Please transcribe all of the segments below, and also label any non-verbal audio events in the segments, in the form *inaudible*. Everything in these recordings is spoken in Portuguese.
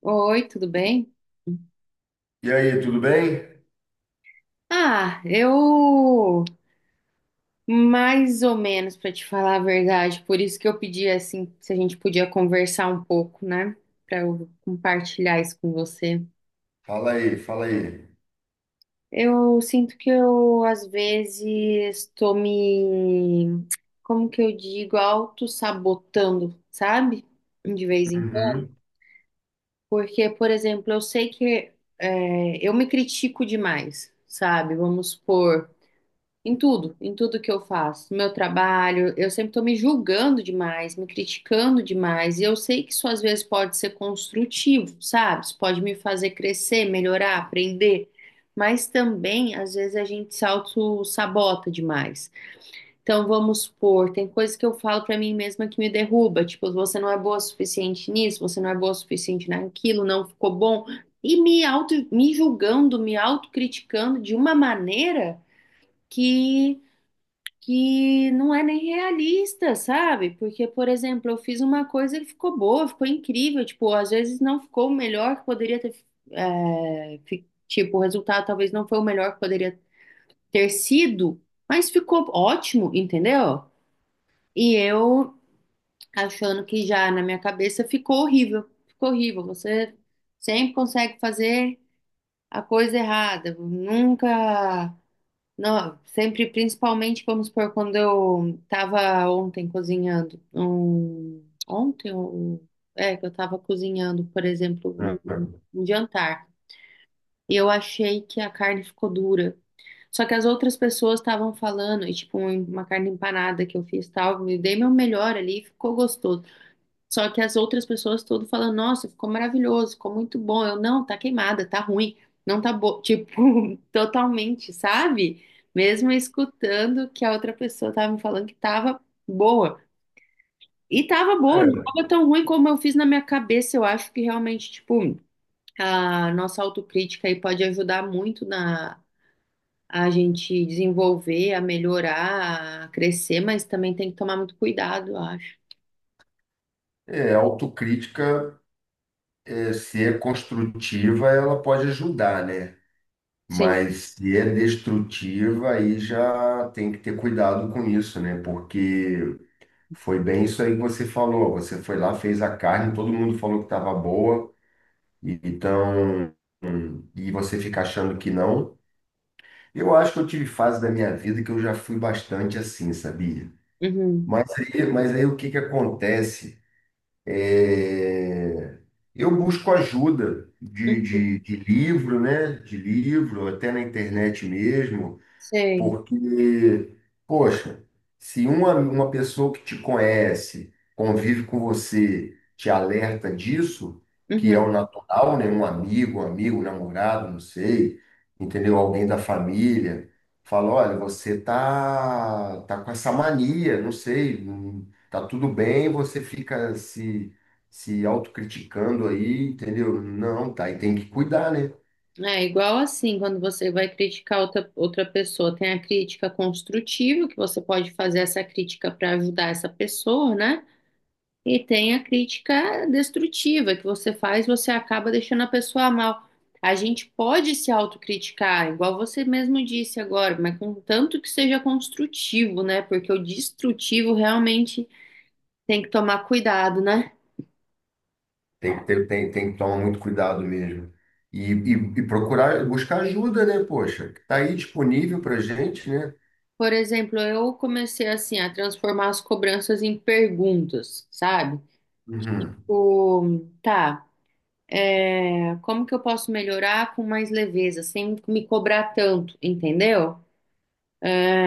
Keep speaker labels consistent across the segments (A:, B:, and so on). A: Oi, tudo bem?
B: E aí, tudo bem?
A: Ah, eu mais ou menos para te falar a verdade, por isso que eu pedi assim, se a gente podia conversar um pouco, né? Para eu compartilhar isso com você.
B: Fala aí, fala aí.
A: Eu sinto que eu às vezes estou me, como que eu digo, auto-sabotando, sabe? De vez em quando.
B: Uhum.
A: Porque, por exemplo, eu sei que eu me critico demais, sabe? Vamos supor. Em tudo que eu faço, no meu trabalho, eu sempre estou me julgando demais, me criticando demais, e eu sei que isso às vezes pode ser construtivo, sabe? Isso pode me fazer crescer, melhorar, aprender, mas também às vezes a gente se auto-sabota demais. Então vamos supor, tem coisas que eu falo para mim mesma que me derruba, tipo, você não é boa o suficiente nisso, você não é boa o suficiente naquilo, não ficou bom, e me auto, me julgando, me autocriticando de uma maneira que que não é nem realista, sabe? Porque, por exemplo, eu fiz uma coisa e ficou boa, ficou incrível, tipo, às vezes não ficou o melhor que poderia ter, tipo, o resultado talvez não foi o melhor que poderia ter sido, mas ficou ótimo, entendeu? E eu achando que já na minha cabeça ficou horrível, você sempre consegue fazer a coisa errada, nunca não, sempre, principalmente, vamos supor, quando eu estava ontem cozinhando, que eu estava cozinhando, por exemplo, um jantar, e eu achei que a carne ficou dura, só que as outras pessoas estavam falando, e tipo, uma carne empanada que eu fiz, tal, eu dei meu melhor ali, ficou gostoso. Só que as outras pessoas tudo falando, nossa, ficou maravilhoso, ficou muito bom. Eu, não, tá queimada, tá ruim, não tá bom. Tipo, *laughs* totalmente, sabe? Mesmo escutando que a outra pessoa tava me falando que tava boa. E tava boa, não
B: É,
A: tava tão ruim como eu fiz na minha cabeça. Eu acho que realmente, tipo, a nossa autocrítica aí pode ajudar muito na a gente desenvolver, a melhorar, a crescer, mas também tem que tomar muito cuidado, eu acho.
B: autocrítica, é, se é construtiva, ela pode ajudar, né?
A: Sim.
B: Mas se é destrutiva, aí já tem que ter cuidado com isso, né? Porque foi bem isso aí que você falou. Você foi lá, fez a carne, todo mundo falou que estava boa, então, e você fica achando que não. Eu acho que eu tive fase da minha vida que eu já fui bastante assim, sabia?
A: Uhum.
B: Mas aí o que que acontece? É, eu busco ajuda de,
A: Uhum.
B: de, de livro, né? De livro, até na internet mesmo,
A: Sei.
B: porque, poxa, se uma pessoa que te conhece, convive com você, te alerta disso, que é
A: Uhum.
B: o natural, né? Um namorado, não sei, entendeu? Alguém da família, fala, olha, você tá com essa mania, não sei, tá tudo bem, você fica se, se autocriticando aí, entendeu? Não, tá, e tem que cuidar, né?
A: É igual assim, quando você vai criticar outra pessoa, tem a crítica construtiva, que você pode fazer essa crítica para ajudar essa pessoa, né? E tem a crítica destrutiva, que você faz, você acaba deixando a pessoa mal. A gente pode se autocriticar, igual você mesmo disse agora, mas contanto que seja construtivo, né? Porque o destrutivo realmente tem que tomar cuidado, né?
B: Tem que ter, tem que tomar muito cuidado mesmo. E, e, e procurar, buscar ajuda, né? Poxa, que tá aí disponível pra gente, né?
A: Por exemplo, eu comecei assim a transformar as cobranças em perguntas, sabe?
B: Uhum.
A: Tipo, tá, como que eu posso melhorar com mais leveza, sem me cobrar tanto, entendeu?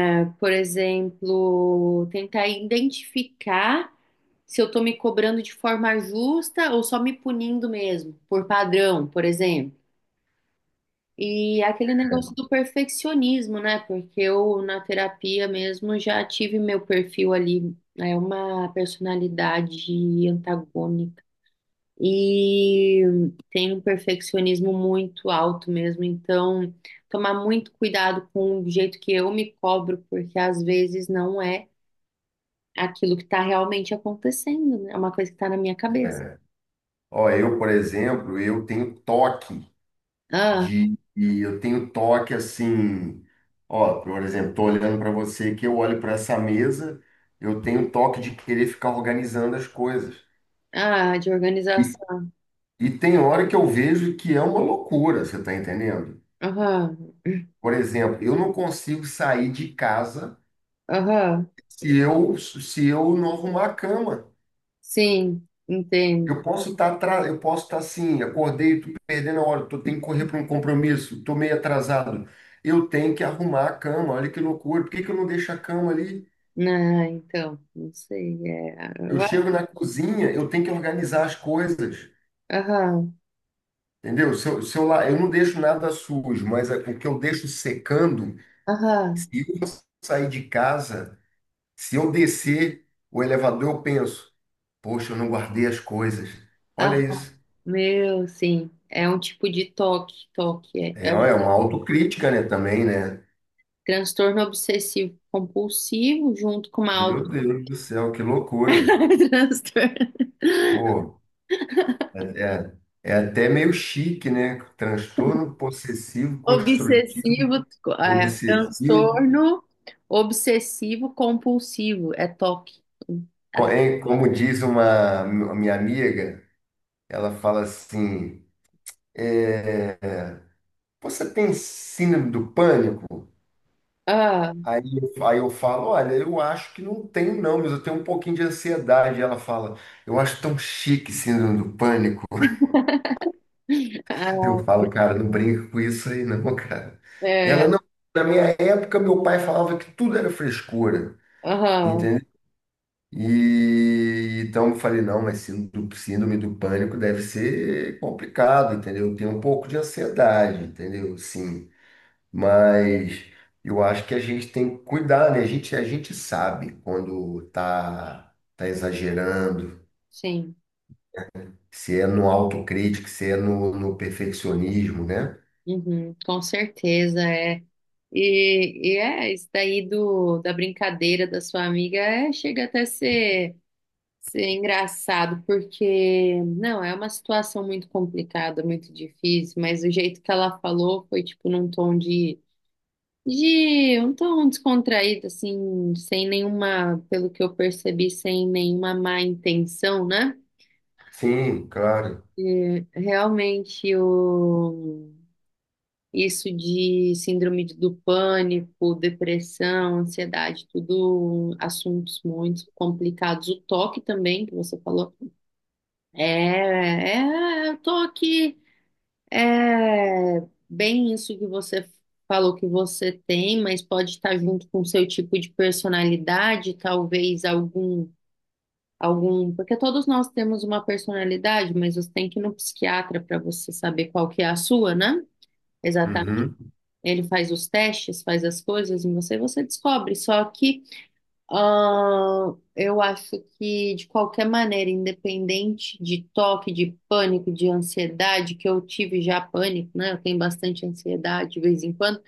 A: Por exemplo, tentar identificar se eu tô me cobrando de forma justa ou só me punindo mesmo, por padrão, por exemplo. E aquele negócio do perfeccionismo, né? Porque eu, na terapia mesmo, já tive meu perfil ali, é uma personalidade antagônica e tem um perfeccionismo muito alto mesmo. Então, tomar muito cuidado com o jeito que eu me cobro, porque às vezes não é aquilo que está realmente acontecendo, né? É uma coisa que está na minha cabeça.
B: É. Ó, eu, por exemplo, eu tenho
A: Ah,
B: eu tenho toque assim, ó, por exemplo, tô olhando para você que eu olho para essa mesa, eu tenho toque de querer ficar organizando as coisas.
A: ah, de
B: E,
A: organização.
B: e tem hora que eu vejo que é uma loucura, você tá entendendo?
A: Aham,
B: Por exemplo, eu não consigo sair de casa.
A: aham,
B: Se eu não arrumar a cama,
A: sim,
B: eu
A: entendo.
B: eu posso estar assim, acordei, tô perdendo a hora, tô tenho que correr para um compromisso, tô meio atrasado. Eu tenho que arrumar a cama, olha que loucura. Por que que eu não deixo a cama ali?
A: Ah, então, não sei, é...
B: Eu
A: eu
B: chego
A: acho-
B: na cozinha, eu tenho que organizar as coisas,
A: Aham,
B: entendeu? Se eu, se eu, lá, eu não deixo nada sujo, mas é o que eu deixo secando, se
A: aham,
B: eu sair de casa, se eu descer o elevador, eu penso, poxa, eu não guardei as coisas. Olha
A: aham,
B: isso.
A: meu, sim, é um tipo de toque, toque, é.
B: É, ó, é uma autocrítica, né, também, né?
A: Transtorno obsessivo compulsivo, junto com uma
B: Meu
A: auto...
B: Deus do céu, que loucura.
A: *laughs* transtorno
B: Pô, é, é até meio chique, né? Transtorno possessivo, construtivo,
A: obsessivo, é,
B: obsessivo.
A: transtorno obsessivo compulsivo, é toque
B: Como diz uma minha amiga, ela fala assim: Você tem síndrome do pânico?
A: Ah,
B: Aí, aí eu falo: Olha, eu acho que não tenho, não, mas eu tenho um pouquinho de ansiedade. Ela fala: Eu acho tão chique síndrome do pânico.
A: ah,
B: Eu falo, cara, não brinca com isso aí, não, *laughs* cara.
A: é, é,
B: Ela não. Na minha época, meu pai falava que tudo era frescura,
A: aham,
B: entendeu? E então eu falei, não, mas síndrome do pânico deve ser complicado, entendeu? Eu tenho um pouco de ansiedade, entendeu? Sim, mas eu acho que a gente tem que cuidar, né? A gente sabe quando tá exagerando,
A: sim,
B: se é no autocrítico, se é no perfeccionismo, né?
A: uhum, com certeza é. E é, isso daí da brincadeira da sua amiga é, chega até ser Sim, é engraçado, porque não, é uma situação muito complicada, muito difícil, mas o jeito que ela falou foi tipo num tom de um tom descontraído, assim, sem nenhuma, pelo que eu percebi, sem nenhuma má intenção, né?
B: Sim, claro.
A: E, realmente isso de síndrome do pânico, depressão, ansiedade, tudo assuntos muito complicados. O toque também, que você falou. É, eu tô aqui, é bem isso que você falou que você tem, mas pode estar junto com o seu tipo de personalidade, talvez algum, algum, porque todos nós temos uma personalidade, mas você tem que ir no psiquiatra para você saber qual que é a sua, né? Exatamente.
B: Uhum.
A: Ele faz os testes, faz as coisas em você, e você descobre. Só que eu acho que, de qualquer maneira, independente de toque, de pânico, de ansiedade, que eu tive já pânico, né? Eu tenho bastante ansiedade de vez em quando,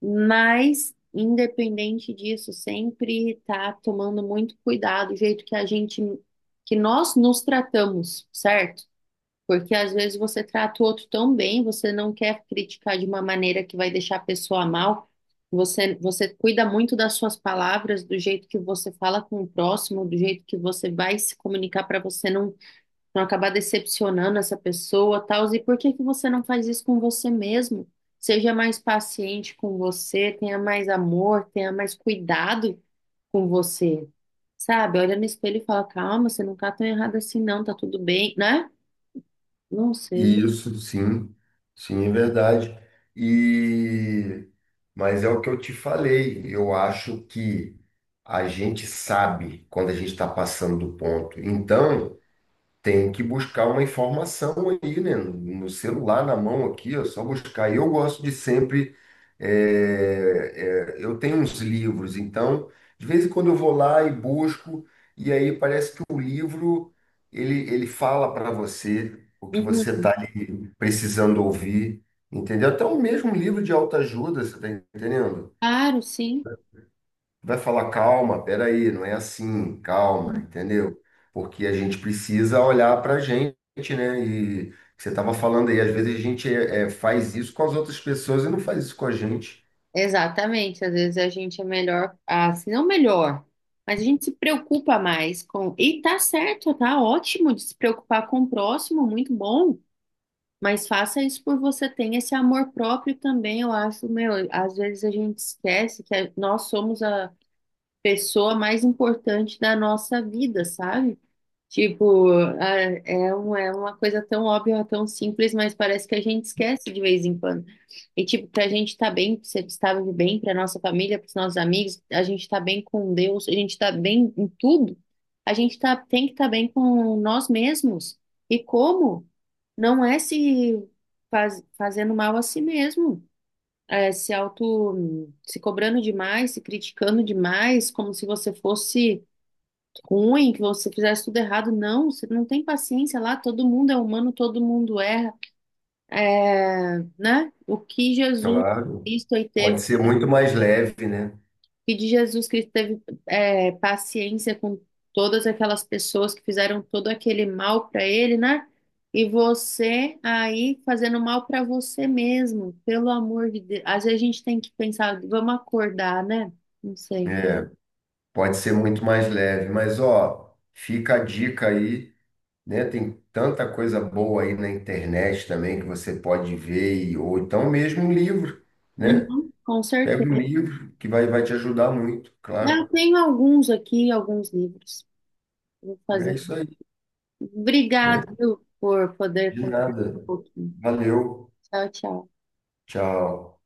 A: mas, independente disso, sempre tá tomando muito cuidado, o jeito que a gente, que nós nos tratamos, certo? Porque às vezes você trata o outro tão bem, você não quer criticar de uma maneira que vai deixar a pessoa mal. Você cuida muito das suas palavras, do jeito que você fala com o próximo, do jeito que você vai se comunicar para você não, não acabar decepcionando essa pessoa, tal. E por que que você não faz isso com você mesmo? Seja mais paciente com você, tenha mais amor, tenha mais cuidado com você. Sabe? Olha no espelho e fala: calma, você não tá tão errado assim, não, tá tudo bem, né? Não sei.
B: Isso, sim, sim, é verdade. E mas é o que eu te falei. Eu acho que a gente sabe quando a gente está passando do ponto. Então tem que buscar uma informação aí, né? No celular, na mão aqui, é só buscar. E eu gosto de sempre. Eu tenho uns livros, então, de vez em quando eu vou lá e busco, e aí parece que o livro ele fala para você o que
A: Uhum.
B: você está precisando ouvir, entendeu? Até o mesmo livro de autoajuda, você está entendendo?
A: Claro, sim.
B: Vai falar, calma, peraí, não é assim, calma, entendeu? Porque a gente precisa olhar para a gente, né? E você estava falando aí, às vezes a gente faz isso com as outras pessoas e não faz isso com a gente.
A: Exatamente. Às vezes a gente é melhor, assim, não melhor, mas a gente se preocupa mais com. E tá certo, tá ótimo de se preocupar com o próximo, muito bom. Mas faça isso por você, tenha esse amor próprio também. Eu acho, meu, às vezes a gente esquece que nós somos a pessoa mais importante da nossa vida, sabe? Tipo, ah, é uma coisa tão óbvia, tão simples, mas parece que a gente esquece de vez em quando. E, tipo, pra gente tá bem, pra ser estável de bem, pra nossa família, pros nossos amigos, a gente tá bem com Deus, a gente tá bem em tudo, a gente tá, tem que estar tá bem com nós mesmos. E como? Não é se faz- fazendo mal a si mesmo, é se auto, se cobrando demais, se criticando demais, como se você fosse ruim, que você fizesse tudo errado. Não, você não tem paciência lá, todo mundo é humano, todo mundo erra. É, né? O que Jesus
B: Claro,
A: Cristo aí
B: pode
A: teve,
B: ser
A: o
B: muito mais leve, né?
A: que de Jesus Cristo teve paciência com todas aquelas pessoas que fizeram todo aquele mal para ele, né? E você aí fazendo mal para você mesmo, pelo amor de Deus. Às vezes a gente tem que pensar, vamos acordar, né? Não sei.
B: É, pode ser muito mais leve, mas ó, fica a dica aí, né? Tem tanta coisa boa aí na internet também que você pode ver, ou então mesmo um livro, né?
A: Uhum, com
B: Pega um
A: certeza.
B: livro que vai, vai te ajudar muito,
A: Eu
B: claro.
A: tenho alguns aqui, alguns livros. Vou
B: É
A: fazer.
B: isso aí, né?
A: Obrigado, viu, por poder
B: De
A: conversar
B: nada.
A: um pouquinho.
B: Valeu.
A: Tchau, tchau.
B: Tchau.